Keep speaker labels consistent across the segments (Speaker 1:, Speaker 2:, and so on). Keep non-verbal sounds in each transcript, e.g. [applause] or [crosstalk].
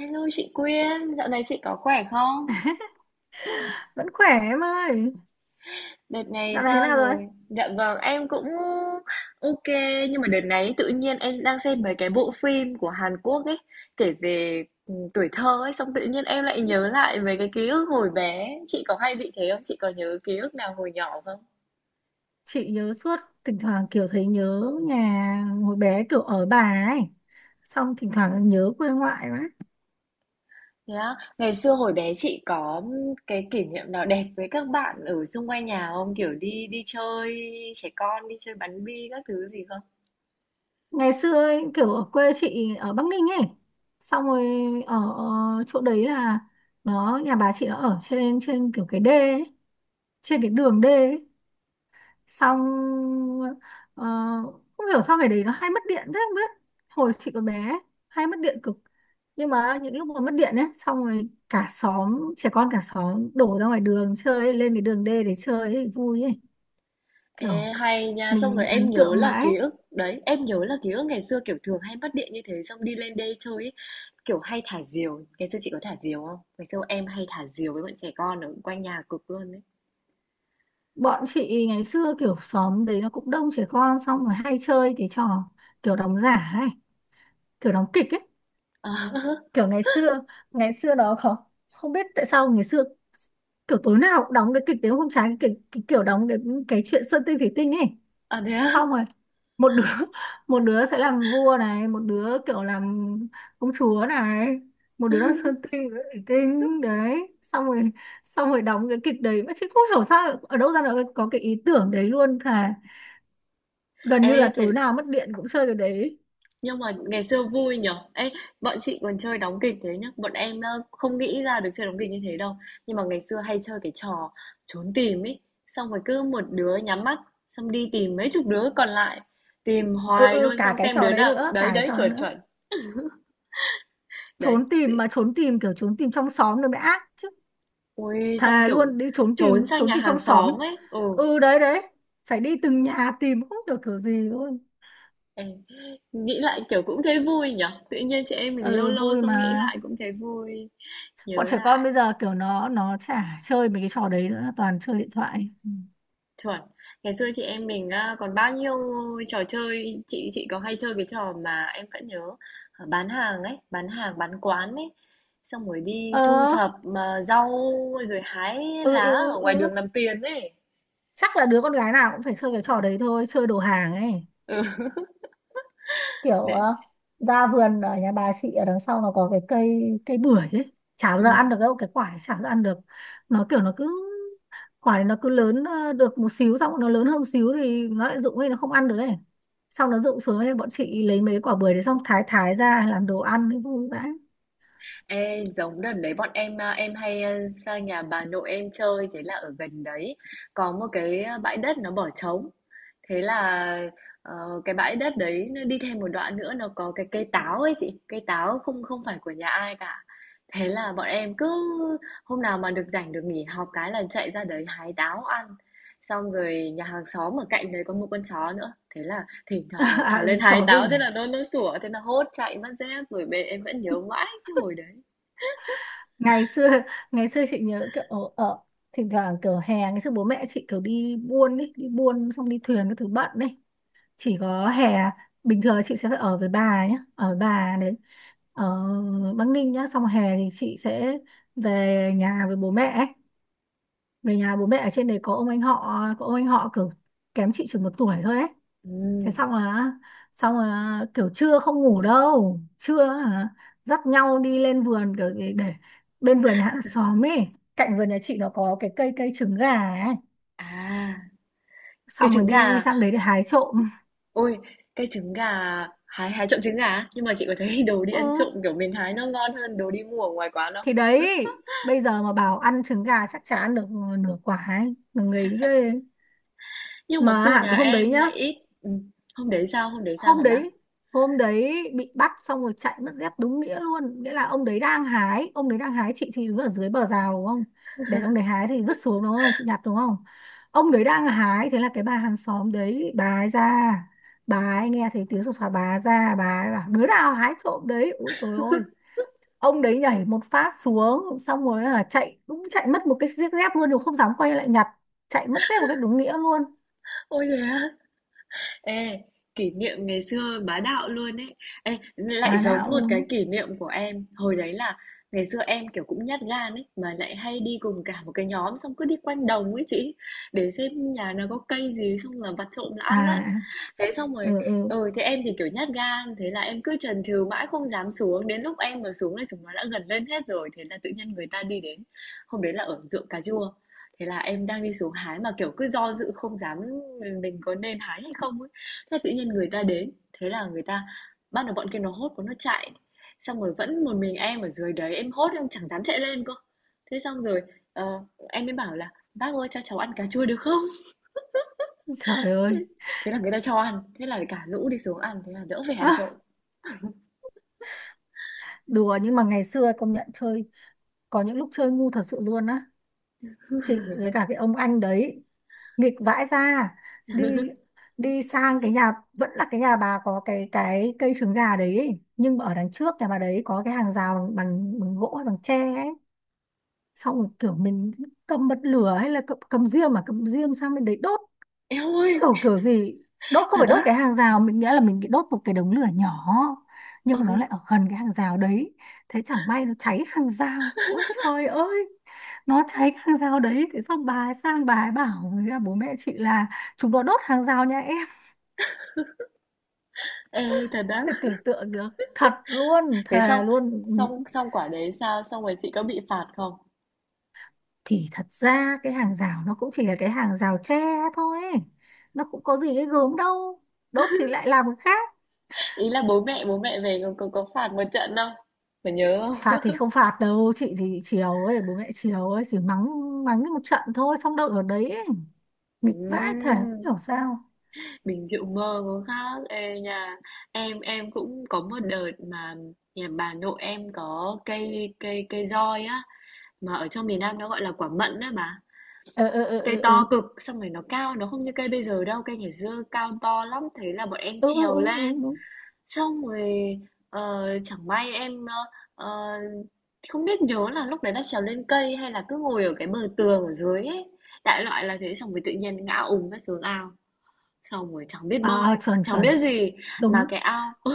Speaker 1: Hello chị Quyên, dạo này chị có khỏe không?
Speaker 2: Vẫn khỏe em ơi.
Speaker 1: Đợt này
Speaker 2: Dạo này thế
Speaker 1: sao
Speaker 2: nào rồi?
Speaker 1: rồi? Dạ vâng, em cũng ok nhưng mà đợt này tự nhiên em đang xem mấy cái bộ phim của Hàn Quốc ấy kể về tuổi thơ ấy xong tự nhiên em lại nhớ lại về cái ký ức hồi bé. Chị có hay bị thế không? Chị có nhớ ký ức nào hồi nhỏ không?
Speaker 2: Chị nhớ suốt. Thỉnh thoảng kiểu thấy nhớ nhà hồi bé kiểu ở bà ấy, xong thỉnh thoảng nhớ quê ngoại quá.
Speaker 1: Thế á. Ngày xưa hồi bé chị có cái kỷ niệm nào đẹp với các bạn ở xung quanh nhà không? Kiểu đi đi chơi trẻ con, đi chơi bắn bi các thứ gì không?
Speaker 2: Ngày xưa ấy, kiểu ở quê chị ở Bắc Ninh ấy, xong rồi ở, chỗ đấy là, nó nhà bà chị nó ở trên trên kiểu cái đê ấy, trên cái đường đê ấy. Xong ờ, không hiểu sao ngày đấy nó hay mất điện thế không biết. Hồi chị còn bé hay mất điện cực. Nhưng mà những lúc mà mất điện ấy, xong rồi cả xóm trẻ con, cả xóm đổ ra ngoài đường chơi ấy, lên cái đường đê để chơi ấy, vui ấy. Kiểu
Speaker 1: À, hay nha, xong
Speaker 2: mình
Speaker 1: rồi em
Speaker 2: ấn
Speaker 1: nhớ
Speaker 2: tượng
Speaker 1: là
Speaker 2: mãi.
Speaker 1: ký ức đấy, em nhớ là ký ức ngày xưa kiểu thường hay mất điện như thế xong đi lên đê chơi ấy, kiểu hay thả diều. Ngày xưa chị có thả diều không? Ngày xưa em hay thả diều với bọn trẻ con ở quanh nhà cực luôn đấy.
Speaker 2: Bọn chị ngày xưa kiểu xóm đấy nó cũng đông trẻ con, xong rồi hay chơi cái trò kiểu đóng giả ấy, kiểu đóng kịch ấy. Kiểu
Speaker 1: [laughs]
Speaker 2: ngày xưa, ngày xưa đó không, biết tại sao ngày xưa kiểu tối nào cũng đóng cái kịch tiếng hôm trái cái kiểu đóng cái chuyện Sơn Tinh Thủy Tinh ấy.
Speaker 1: À, à thế á?
Speaker 2: Xong rồi một đứa [laughs] một đứa sẽ làm vua này, một đứa kiểu làm công chúa này, một đứa làm Sơn Tinh, một đứa Thủy Tinh đấy. Xong rồi đóng cái kịch đấy mà chị không hiểu sao ở đâu ra nó có cái ý tưởng đấy luôn thà. Gần như
Speaker 1: Ê,
Speaker 2: là
Speaker 1: thế
Speaker 2: tối nào mất điện cũng chơi cái đấy.
Speaker 1: nhưng mà ngày xưa vui nhở. Ê, bọn chị còn chơi đóng kịch thế nhá. Bọn em không nghĩ ra được chơi đóng kịch như thế đâu. Nhưng mà ngày xưa hay chơi cái trò trốn tìm ấy. Xong rồi cứ một đứa nhắm mắt, xong đi tìm mấy chục đứa còn lại. Tìm
Speaker 2: Ừ,
Speaker 1: hoài
Speaker 2: ừ,
Speaker 1: luôn
Speaker 2: cả cái
Speaker 1: xem
Speaker 2: trò
Speaker 1: đứa
Speaker 2: đấy
Speaker 1: nào.
Speaker 2: nữa, cả
Speaker 1: Đấy,
Speaker 2: cái
Speaker 1: đấy,
Speaker 2: trò đấy
Speaker 1: chuẩn,
Speaker 2: nữa.
Speaker 1: chuẩn. Đấy.
Speaker 2: Trốn tìm mà, trốn tìm kiểu trốn tìm trong xóm nữa mới ác chứ.
Speaker 1: Ui, xong
Speaker 2: Thề
Speaker 1: kiểu
Speaker 2: luôn đi trốn
Speaker 1: trốn
Speaker 2: tìm,
Speaker 1: sang
Speaker 2: trốn
Speaker 1: nhà
Speaker 2: tìm
Speaker 1: hàng
Speaker 2: trong xóm.
Speaker 1: xóm ấy. Ừ.
Speaker 2: Ừ, đấy, đấy, phải đi từng nhà tìm không được kiểu gì luôn.
Speaker 1: Ê, nghĩ lại kiểu cũng thấy vui nhở. Tự nhiên chị em mình lâu
Speaker 2: Ừ
Speaker 1: lâu
Speaker 2: vui
Speaker 1: xong
Speaker 2: mà.
Speaker 1: nghĩ lại cũng thấy vui. Nhớ
Speaker 2: Bọn trẻ con
Speaker 1: lại.
Speaker 2: bây giờ kiểu nó chả chơi mấy cái trò đấy nữa, toàn chơi điện thoại. Ừ.
Speaker 1: Chuẩn. Ngày xưa chị em mình á, còn bao nhiêu trò chơi, chị có hay chơi cái trò mà em vẫn nhớ, ờ, bán hàng ấy, bán hàng, bán quán ấy. Xong rồi đi thu
Speaker 2: Ờ.
Speaker 1: thập mà rau rồi hái
Speaker 2: Ừ,
Speaker 1: lá
Speaker 2: ừ, ừ,
Speaker 1: ở ngoài
Speaker 2: ừ.
Speaker 1: đường làm tiền ấy.
Speaker 2: Chắc là đứa con gái nào cũng phải chơi cái trò đấy thôi, chơi đồ hàng ấy.
Speaker 1: Ừ. [laughs]
Speaker 2: Kiểu
Speaker 1: Đấy.
Speaker 2: ra vườn ở nhà bà chị ở đằng sau nó có cái cây cây bưởi ấy, chả bao
Speaker 1: Ừ.
Speaker 2: giờ ăn được đâu, cái quả này chả bao giờ ăn được. Nó kiểu nó cứ, quả này nó cứ lớn được một xíu, xong nó lớn hơn một xíu thì nó lại rụng ấy, nó không ăn được ấy, xong nó rụng xuống ấy, bọn chị lấy mấy quả bưởi đấy xong thái thái ra làm đồ ăn ấy, vui vãi.
Speaker 1: Ê, giống đợt đấy bọn em à, em hay à, sang nhà bà nội em chơi thế là ở gần đấy có một cái bãi đất nó bỏ trống thế là ờ, cái bãi đất đấy nó đi thêm một đoạn nữa nó có cái cây táo ấy chị, cây táo không, không phải của nhà ai cả, thế là bọn em cứ hôm nào mà được rảnh được nghỉ học cái là chạy ra đấy hái táo ăn, xong rồi nhà hàng xóm ở cạnh đấy có một con chó nữa, thế là thỉnh
Speaker 2: [laughs]
Speaker 1: thoảng mà
Speaker 2: À,
Speaker 1: trèo lên
Speaker 2: ừ,
Speaker 1: hái
Speaker 2: chó
Speaker 1: táo
Speaker 2: đuổi.
Speaker 1: thế là nó sủa, thế là hốt chạy mất dép rồi, bên em vẫn nhớ mãi cái hồi đấy.
Speaker 2: Ngày xưa, ngày xưa chị nhớ kiểu ở, thỉnh thoảng kiểu hè ngày xưa bố mẹ chị kiểu đi buôn ấy, đi buôn xong đi thuyền cái thứ bận ấy, chỉ có hè. Bình thường là chị sẽ phải ở với bà nhé, ở với bà đấy ở Bắc Ninh nhá. Xong hè thì chị sẽ về nhà với bố mẹ ấy. Về nhà bố mẹ ở trên đấy có ông anh họ có ông anh họ kiểu kém chị chừng 1 tuổi thôi ấy.
Speaker 1: Ừm,
Speaker 2: Thế xong là kiểu trưa không ngủ đâu, trưa hả, dắt nhau đi lên vườn kiểu để bên vườn nhà hàng xóm ấy, cạnh vườn nhà chị nó có cái cây cây trứng gà ấy,
Speaker 1: à, cái
Speaker 2: xong rồi
Speaker 1: trứng
Speaker 2: đi đi
Speaker 1: gà,
Speaker 2: sang đấy để hái trộm.
Speaker 1: ôi, cái trứng gà, hái hái trộm trứng gà á? Nhưng mà chị có thấy [laughs] đồ đi
Speaker 2: Ừ,
Speaker 1: ăn trộm, kiểu, mình hái nó ngon hơn đồ đi mua ở ngoài quán không?
Speaker 2: thì đấy, bây giờ mà bảo ăn trứng gà chắc chả ăn được nửa quả ấy mà người ghê.
Speaker 1: Nhưng mà
Speaker 2: Mà
Speaker 1: khu
Speaker 2: hả,
Speaker 1: nhà
Speaker 2: hôm đấy
Speaker 1: em
Speaker 2: nhá
Speaker 1: lại ít. Hôm đấy sao
Speaker 2: hôm
Speaker 1: hả bác?
Speaker 2: đấy hôm đấy bị bắt, xong rồi chạy mất dép đúng nghĩa luôn. Nghĩa là ông đấy đang hái, chị thì đứng ở dưới bờ rào đúng không, để ông đấy hái thì vứt xuống đúng không, chị nhặt đúng không, ông đấy đang hái. Thế là cái bà hàng xóm đấy, bà ấy ra, bà ấy nghe thấy tiếng sột soạt, bà ấy ra, bà ấy bảo đứa nào hái trộm đấy. Úi dồi ôi, ông đấy nhảy một phát xuống, xong rồi là chạy, đúng chạy mất một cái chiếc dép luôn, rồi không dám quay lại nhặt. Chạy mất dép một cách đúng nghĩa luôn.
Speaker 1: Ôi, thế á? Ê, kỷ niệm ngày xưa bá đạo luôn ấy. Ê, lại
Speaker 2: À
Speaker 1: giống
Speaker 2: đạo
Speaker 1: một cái
Speaker 2: luôn.
Speaker 1: kỷ niệm của em. Hồi đấy là ngày xưa em, kiểu, cũng nhát gan ấy, mà lại hay đi cùng cả một cái nhóm, xong cứ đi quanh đồng ấy chị, để xem nhà nào có cây gì xong là vặt trộm là
Speaker 2: À,
Speaker 1: ăn á. Thế xong
Speaker 2: ừ,
Speaker 1: rồi
Speaker 2: ừ,
Speaker 1: thế em thì, kiểu, nhát gan, thế là em cứ chần chừ mãi không dám xuống, đến lúc em mà xuống là chúng nó đã gần lên hết rồi, thế là tự nhiên người ta đi đến. Hôm đấy là ở ruộng cà chua, thế là em đang đi xuống hái mà, kiểu, cứ do dự không dám mình có nên hái hay không ấy. Thế tự nhiên người ta đến, thế là người ta bắt đầu, bọn kia nó hốt của nó chạy, xong rồi vẫn một mình em ở dưới đấy, em hốt em chẳng dám chạy lên cơ. Thế xong rồi, ờ, em mới bảo là "Bác ơi cho cháu ăn cà chua được không?"
Speaker 2: trời ơi.
Speaker 1: [laughs] Thế là người ta cho ăn, thế là cả lũ đi xuống ăn, thế là đỡ phải ăn
Speaker 2: [laughs]
Speaker 1: trộm.
Speaker 2: Đùa nhưng mà ngày xưa công nhận chơi, có những lúc chơi ngu thật sự luôn á. Chị với cả cái ông anh đấy nghịch vãi ra. Đi đi sang cái nhà, vẫn là cái nhà bà có cái cây trứng gà đấy ấy. Nhưng mà ở đằng trước nhà bà đấy có cái hàng rào bằng bằng, bằng gỗ hay bằng tre ấy. Xong rồi kiểu mình cầm bật lửa, hay là cầm diêm, mà cầm diêm sang bên đấy đốt.
Speaker 1: Eo ơi,
Speaker 2: Kiểu kiểu gì, đốt không
Speaker 1: thật
Speaker 2: phải
Speaker 1: á?
Speaker 2: đốt cái hàng rào mình, nghĩa là mình bị đốt một cái đống lửa nhỏ, nhưng mà nó lại
Speaker 1: Ừ,
Speaker 2: ở gần cái hàng rào đấy, thế chẳng may nó cháy hàng rào. Ôi trời ơi, nó cháy cái hàng rào đấy, thế xong bà ấy sang, bà ấy bảo với cả bố mẹ chị là chúng nó đốt hàng rào nhà em.
Speaker 1: ê, thật á?
Speaker 2: Thế tưởng tượng được. Thật luôn,
Speaker 1: Thế xong,
Speaker 2: thề luôn.
Speaker 1: xong, xong quả đấy sao? Xong rồi chị có bị phạt không?
Speaker 2: Thì thật ra cái hàng rào nó cũng chỉ là cái hàng rào tre thôi, nó cũng có gì cái gớm đâu, đốt thì lại làm cái khác.
Speaker 1: Ý là bố mẹ về có phạt một trận không? Có nhớ không?
Speaker 2: Phạt thì không phạt đâu chị, thì chiều ấy bố mẹ chiều ấy chỉ mắng, mắng đi một trận thôi, xong đâu ở đấy ấy. Nghịch vãi thể không
Speaker 1: Ừm,
Speaker 2: hiểu sao.
Speaker 1: mình chịu mơ có khác. Ê, nhà em cũng có một đợt mà nhà bà nội em có cây cây cây roi á, mà ở trong miền Nam nó gọi là quả mận á bà.
Speaker 2: Ờ, ờ, ờ,
Speaker 1: Cây
Speaker 2: ờ, ờ.
Speaker 1: to cực, xong rồi nó cao, nó không như cây bây giờ đâu, cây ngày xưa cao to lắm, thế là bọn em
Speaker 2: Ừ, ừ,
Speaker 1: trèo
Speaker 2: ừ,
Speaker 1: lên.
Speaker 2: đúng đúng.
Speaker 1: Xong rồi chẳng may em ờ, không biết nhớ là lúc đấy là trèo lên cây hay là cứ ngồi ở cái bờ tường ở dưới ấy. Đại loại là thế, xong rồi tự nhiên ngã ùm ra xuống ao. Xong rồi chẳng biết
Speaker 2: À, à,
Speaker 1: bơi,
Speaker 2: chuẩn
Speaker 1: chẳng
Speaker 2: chuẩn.
Speaker 1: biết gì mà
Speaker 2: Giống.
Speaker 1: cái ao ớ,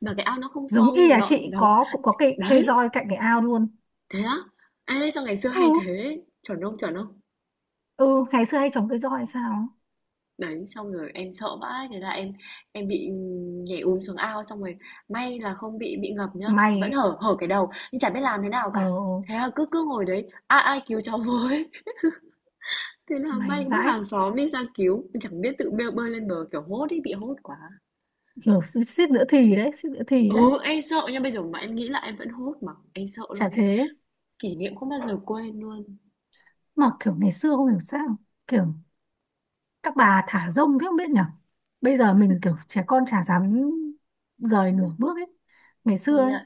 Speaker 1: mà cái ao nó không
Speaker 2: Giống y
Speaker 1: sâu,
Speaker 2: là
Speaker 1: nó
Speaker 2: chị
Speaker 1: nó
Speaker 2: có cũng có cây cây
Speaker 1: đấy,
Speaker 2: roi cạnh cái ao luôn.
Speaker 1: thế á. Ê sao ngày xưa
Speaker 2: Ừ,
Speaker 1: hay thế, chuẩn không chuẩn không?
Speaker 2: ừ, ngày xưa hay trồng cây roi hay sao.
Speaker 1: Đấy, xong rồi em sợ vãi, thế là em bị nhảy úm xuống ao, xong rồi may là không bị ngập nhá,
Speaker 2: Mày
Speaker 1: vẫn
Speaker 2: ấy,
Speaker 1: hở hở cái đầu, nhưng chả biết làm thế nào
Speaker 2: ờ,
Speaker 1: cả.
Speaker 2: ờ,
Speaker 1: Thế là cứ cứ ngồi đấy, ai ai cứu cháu với. [laughs] Thế là may
Speaker 2: mày
Speaker 1: bác
Speaker 2: vãi
Speaker 1: hàng xóm đi ra cứu, mình chẳng biết tự bơi, bơi lên bờ kiểu hốt ấy, bị hốt quá.
Speaker 2: kiểu suýt nữa thì đấy, suýt nữa thì
Speaker 1: Ừ,
Speaker 2: đấy.
Speaker 1: em sợ nha, bây giờ mà em nghĩ là em vẫn hốt mà, em sợ
Speaker 2: Chả
Speaker 1: luôn đấy.
Speaker 2: thế.
Speaker 1: Kỷ niệm không bao giờ quên luôn,
Speaker 2: Mà kiểu ngày xưa không hiểu sao kiểu các bà thả rông thế không biết nhở. Bây giờ mình kiểu trẻ con chả dám rời nửa bước ấy. Ngày xưa
Speaker 1: công
Speaker 2: ấy,
Speaker 1: nhận.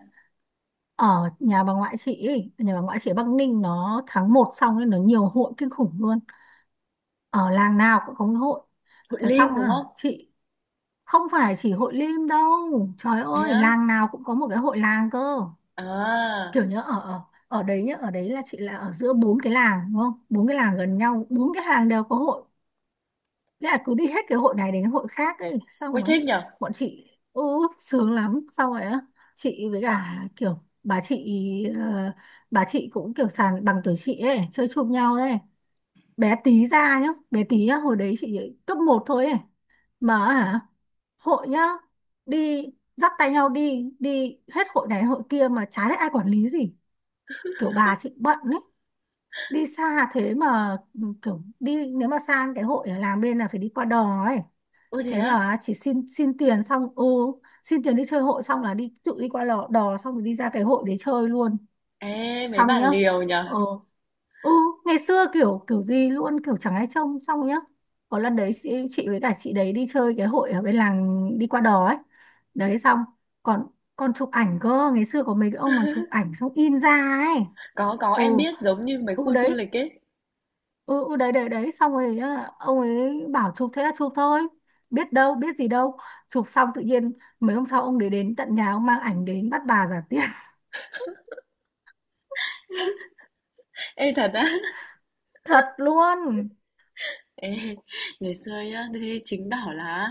Speaker 2: ở nhà bà ngoại chị ấy, nhà bà ngoại chị ở Bắc Ninh, nó tháng 1 xong ấy, nó nhiều hội kinh khủng luôn, ở làng nào cũng có cái hội.
Speaker 1: Hội
Speaker 2: Thế xong
Speaker 1: Lim đúng không?
Speaker 2: à chị, không phải chỉ Hội Lim đâu. Trời
Speaker 1: Thế
Speaker 2: ơi
Speaker 1: á?
Speaker 2: làng nào cũng có một cái hội làng cơ.
Speaker 1: À,
Speaker 2: Kiểu nhớ ở ở ở đấy nhá, ở đấy là chị là ở giữa bốn cái làng đúng không, bốn cái làng gần nhau, bốn cái làng đều có hội. Thế là cứ đi hết cái hội này đến hội khác ấy, xong
Speaker 1: ôi
Speaker 2: rồi
Speaker 1: thích nhở?
Speaker 2: bọn chị ừ, sướng lắm, xong rồi á, chị với cả kiểu bà chị, ờ, bà chị cũng kiểu sàn bằng tuổi chị ấy chơi chung nhau đấy, bé tí ra nhá, bé tí nhá, hồi đấy chị cấp 1 thôi ấy. Mà hả, hội nhá, đi dắt tay nhau đi đi hết hội này đến hội kia mà chả thấy ai quản lý gì, kiểu bà chị bận ấy, đi xa thế mà ừ, kiểu đi nếu mà sang cái hội ở làng bên là phải đi qua đò ấy.
Speaker 1: Ôi thế
Speaker 2: Thế
Speaker 1: á?
Speaker 2: mà chỉ xin xin tiền, xong xin tiền đi chơi hội, xong là đi tự đi qua lò, đò, xong rồi đi ra cái hội để chơi luôn.
Speaker 1: Ê, mấy
Speaker 2: Xong
Speaker 1: bà
Speaker 2: nhá.
Speaker 1: liều nhở?
Speaker 2: Ờ, ừ. Ngày xưa kiểu kiểu gì luôn, kiểu chẳng ai trông, xong nhá. Có lần đấy chị với cả chị đấy đi chơi cái hội ở bên làng, đi qua đò ấy, đấy xong còn còn chụp ảnh cơ. Ngày xưa có mấy cái ông mà chụp ảnh xong in ra ấy.
Speaker 1: Có,
Speaker 2: Ừ,
Speaker 1: em biết giống như mấy
Speaker 2: ừ
Speaker 1: khu du
Speaker 2: đấy.
Speaker 1: lịch ấy.
Speaker 2: Ừ, ừ đấy, đấy, đấy, xong rồi á, ông ấy bảo chụp thế là chụp thôi, biết đâu biết gì đâu, chụp xong tự nhiên mấy hôm sau ông để đến tận nhà, ông mang ảnh đến bắt bà giả tiền. [laughs]
Speaker 1: Ê thật á.
Speaker 2: Thật luôn.
Speaker 1: Ê, ngày xưa nhá, thế chứng tỏ là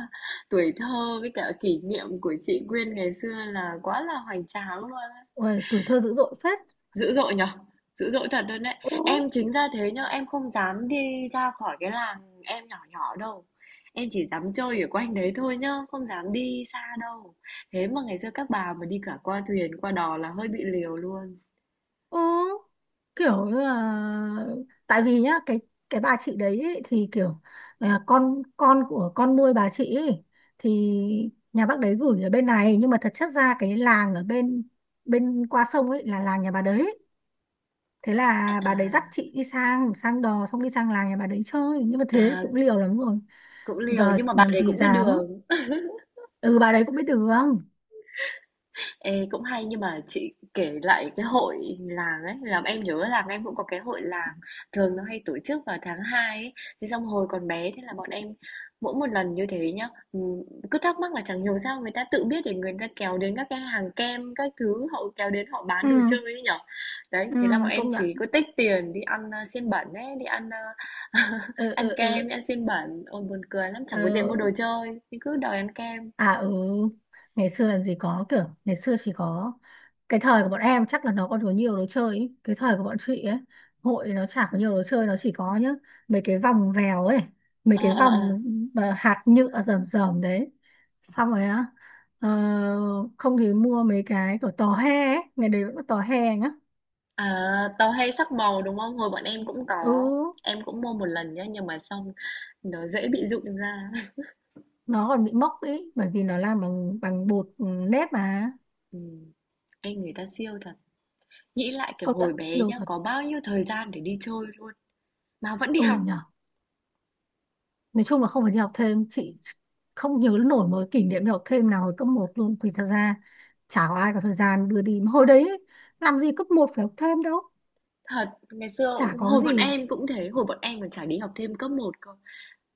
Speaker 1: tuổi thơ với cả kỷ niệm của chị Quyên ngày xưa là quá là hoành tráng luôn á.
Speaker 2: Ôi, tuổi thơ dữ dội phết.
Speaker 1: Dữ dội nhở? Dữ dội thật luôn đấy.
Speaker 2: Ừ,
Speaker 1: Em chính ra thế nhá, em không dám đi ra khỏi cái làng em nhỏ nhỏ đâu. Em chỉ dám chơi ở quanh đấy thôi nhá, không dám đi xa đâu. Thế mà ngày xưa các bà mà đi cả qua thuyền, qua đò là hơi bị liều luôn.
Speaker 2: ừ, kiểu như là, tại vì nhá, cái bà chị đấy ý, thì kiểu à, con của con nuôi bà chị ý, thì nhà bác đấy gửi ở bên này nhưng mà thật chất ra cái làng ở bên bên qua sông ấy là làng nhà bà đấy. Thế
Speaker 1: À,
Speaker 2: là bà
Speaker 1: à,
Speaker 2: đấy dắt chị đi sang sang đò, xong đi sang làng nhà bà đấy chơi, nhưng mà thế
Speaker 1: à,
Speaker 2: cũng liều lắm rồi.
Speaker 1: cũng liều
Speaker 2: Giờ
Speaker 1: nhưng mà bà
Speaker 2: làm
Speaker 1: đấy
Speaker 2: gì
Speaker 1: cũng biết
Speaker 2: dám.
Speaker 1: đường.
Speaker 2: Ừ, bà đấy cũng biết đường.
Speaker 1: Ê, cũng hay nhưng mà chị kể lại cái hội làng ấy làm em nhớ là em cũng có cái hội làng, thường nó hay tổ chức vào tháng 2 ấy, thế xong hồi còn bé thế là bọn em mỗi một lần như thế nhá cứ thắc mắc là chẳng hiểu sao người ta tự biết để người ta kéo đến các cái hàng kem các thứ họ kéo đến họ bán
Speaker 2: Ừ,
Speaker 1: đồ chơi ấy nhở. Đấy
Speaker 2: ừ,
Speaker 1: thế là bọn em
Speaker 2: công nhận.
Speaker 1: chỉ có tích tiền đi ăn xiên bẩn ấy, đi ăn ờ, [laughs]
Speaker 2: Ừ, ừ,
Speaker 1: ăn kem
Speaker 2: ừ,
Speaker 1: đi ăn xiên bẩn, ôi buồn cười lắm, chẳng có tiền mua đồ
Speaker 2: ừ.
Speaker 1: chơi nhưng cứ đòi ăn kem.
Speaker 2: À, ừ, ngày xưa làm gì có kiểu, ngày xưa chỉ có, cái thời của bọn em chắc là nó còn có nhiều đồ chơi ý. Cái thời của bọn chị ấy, hội nó chả có nhiều đồ chơi, nó chỉ có nhá, mấy cái vòng vèo ấy, mấy
Speaker 1: Ờ
Speaker 2: cái
Speaker 1: ờ
Speaker 2: vòng
Speaker 1: ờ.
Speaker 2: mà hạt nhựa rờm rờm đấy. Xong rồi á, ờ, không thì mua mấy cái kiểu tò he ấy, ngày đấy vẫn có tò he nhá.
Speaker 1: À, tàu hay sắc màu, đúng không? Hồi bọn em cũng
Speaker 2: Ừ,
Speaker 1: có, em cũng mua một lần nhá, nhưng mà xong nó dễ bị rụng ra. [laughs]
Speaker 2: nó còn bị mốc ý, bởi vì nó làm bằng bằng bột ừ, nếp mà,
Speaker 1: Ừm, anh người ta siêu thật. Nghĩ lại kiểu
Speaker 2: công nhận
Speaker 1: hồi bé
Speaker 2: siêu
Speaker 1: nhá,
Speaker 2: thật.
Speaker 1: có bao nhiêu thời gian để đi chơi luôn mà vẫn đi
Speaker 2: Ừ
Speaker 1: học.
Speaker 2: nhỉ. Nói chung là không phải đi học thêm, chị không nhớ nổi một kỷ niệm đi học thêm nào hồi cấp 1 luôn, vì thật ra chả có ai có thời gian đưa đi mà hồi đấy ấy, làm gì cấp 1 phải học thêm đâu,
Speaker 1: Thật, ngày xưa
Speaker 2: chả có cái
Speaker 1: hồi bọn
Speaker 2: gì.
Speaker 1: em cũng thế, hồi bọn em còn chả đi học thêm cấp một cơ.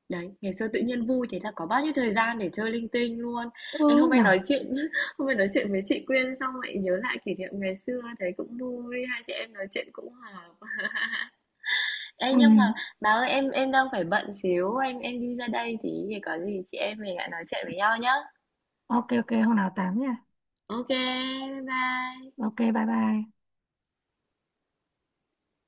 Speaker 1: Đấy, ngày xưa tự nhiên vui thế là có bao nhiêu thời gian để chơi linh tinh luôn. Em
Speaker 2: Ừ
Speaker 1: hôm nay
Speaker 2: nhở.
Speaker 1: nói chuyện [laughs] hôm nay nói chuyện với chị Quyên xong lại nhớ lại kỷ niệm ngày xưa thấy cũng vui, hai chị em nói chuyện cũng hòa. Ê,
Speaker 2: Ừ,
Speaker 1: nhưng mà bà ơi em đang phải bận xíu, em đi ra đây tí thì có gì chị em mình lại nói chuyện với nhau nhá.
Speaker 2: ok, ok, hôm nào tám nha.
Speaker 1: Ok bye bye.
Speaker 2: Ok, bye bye.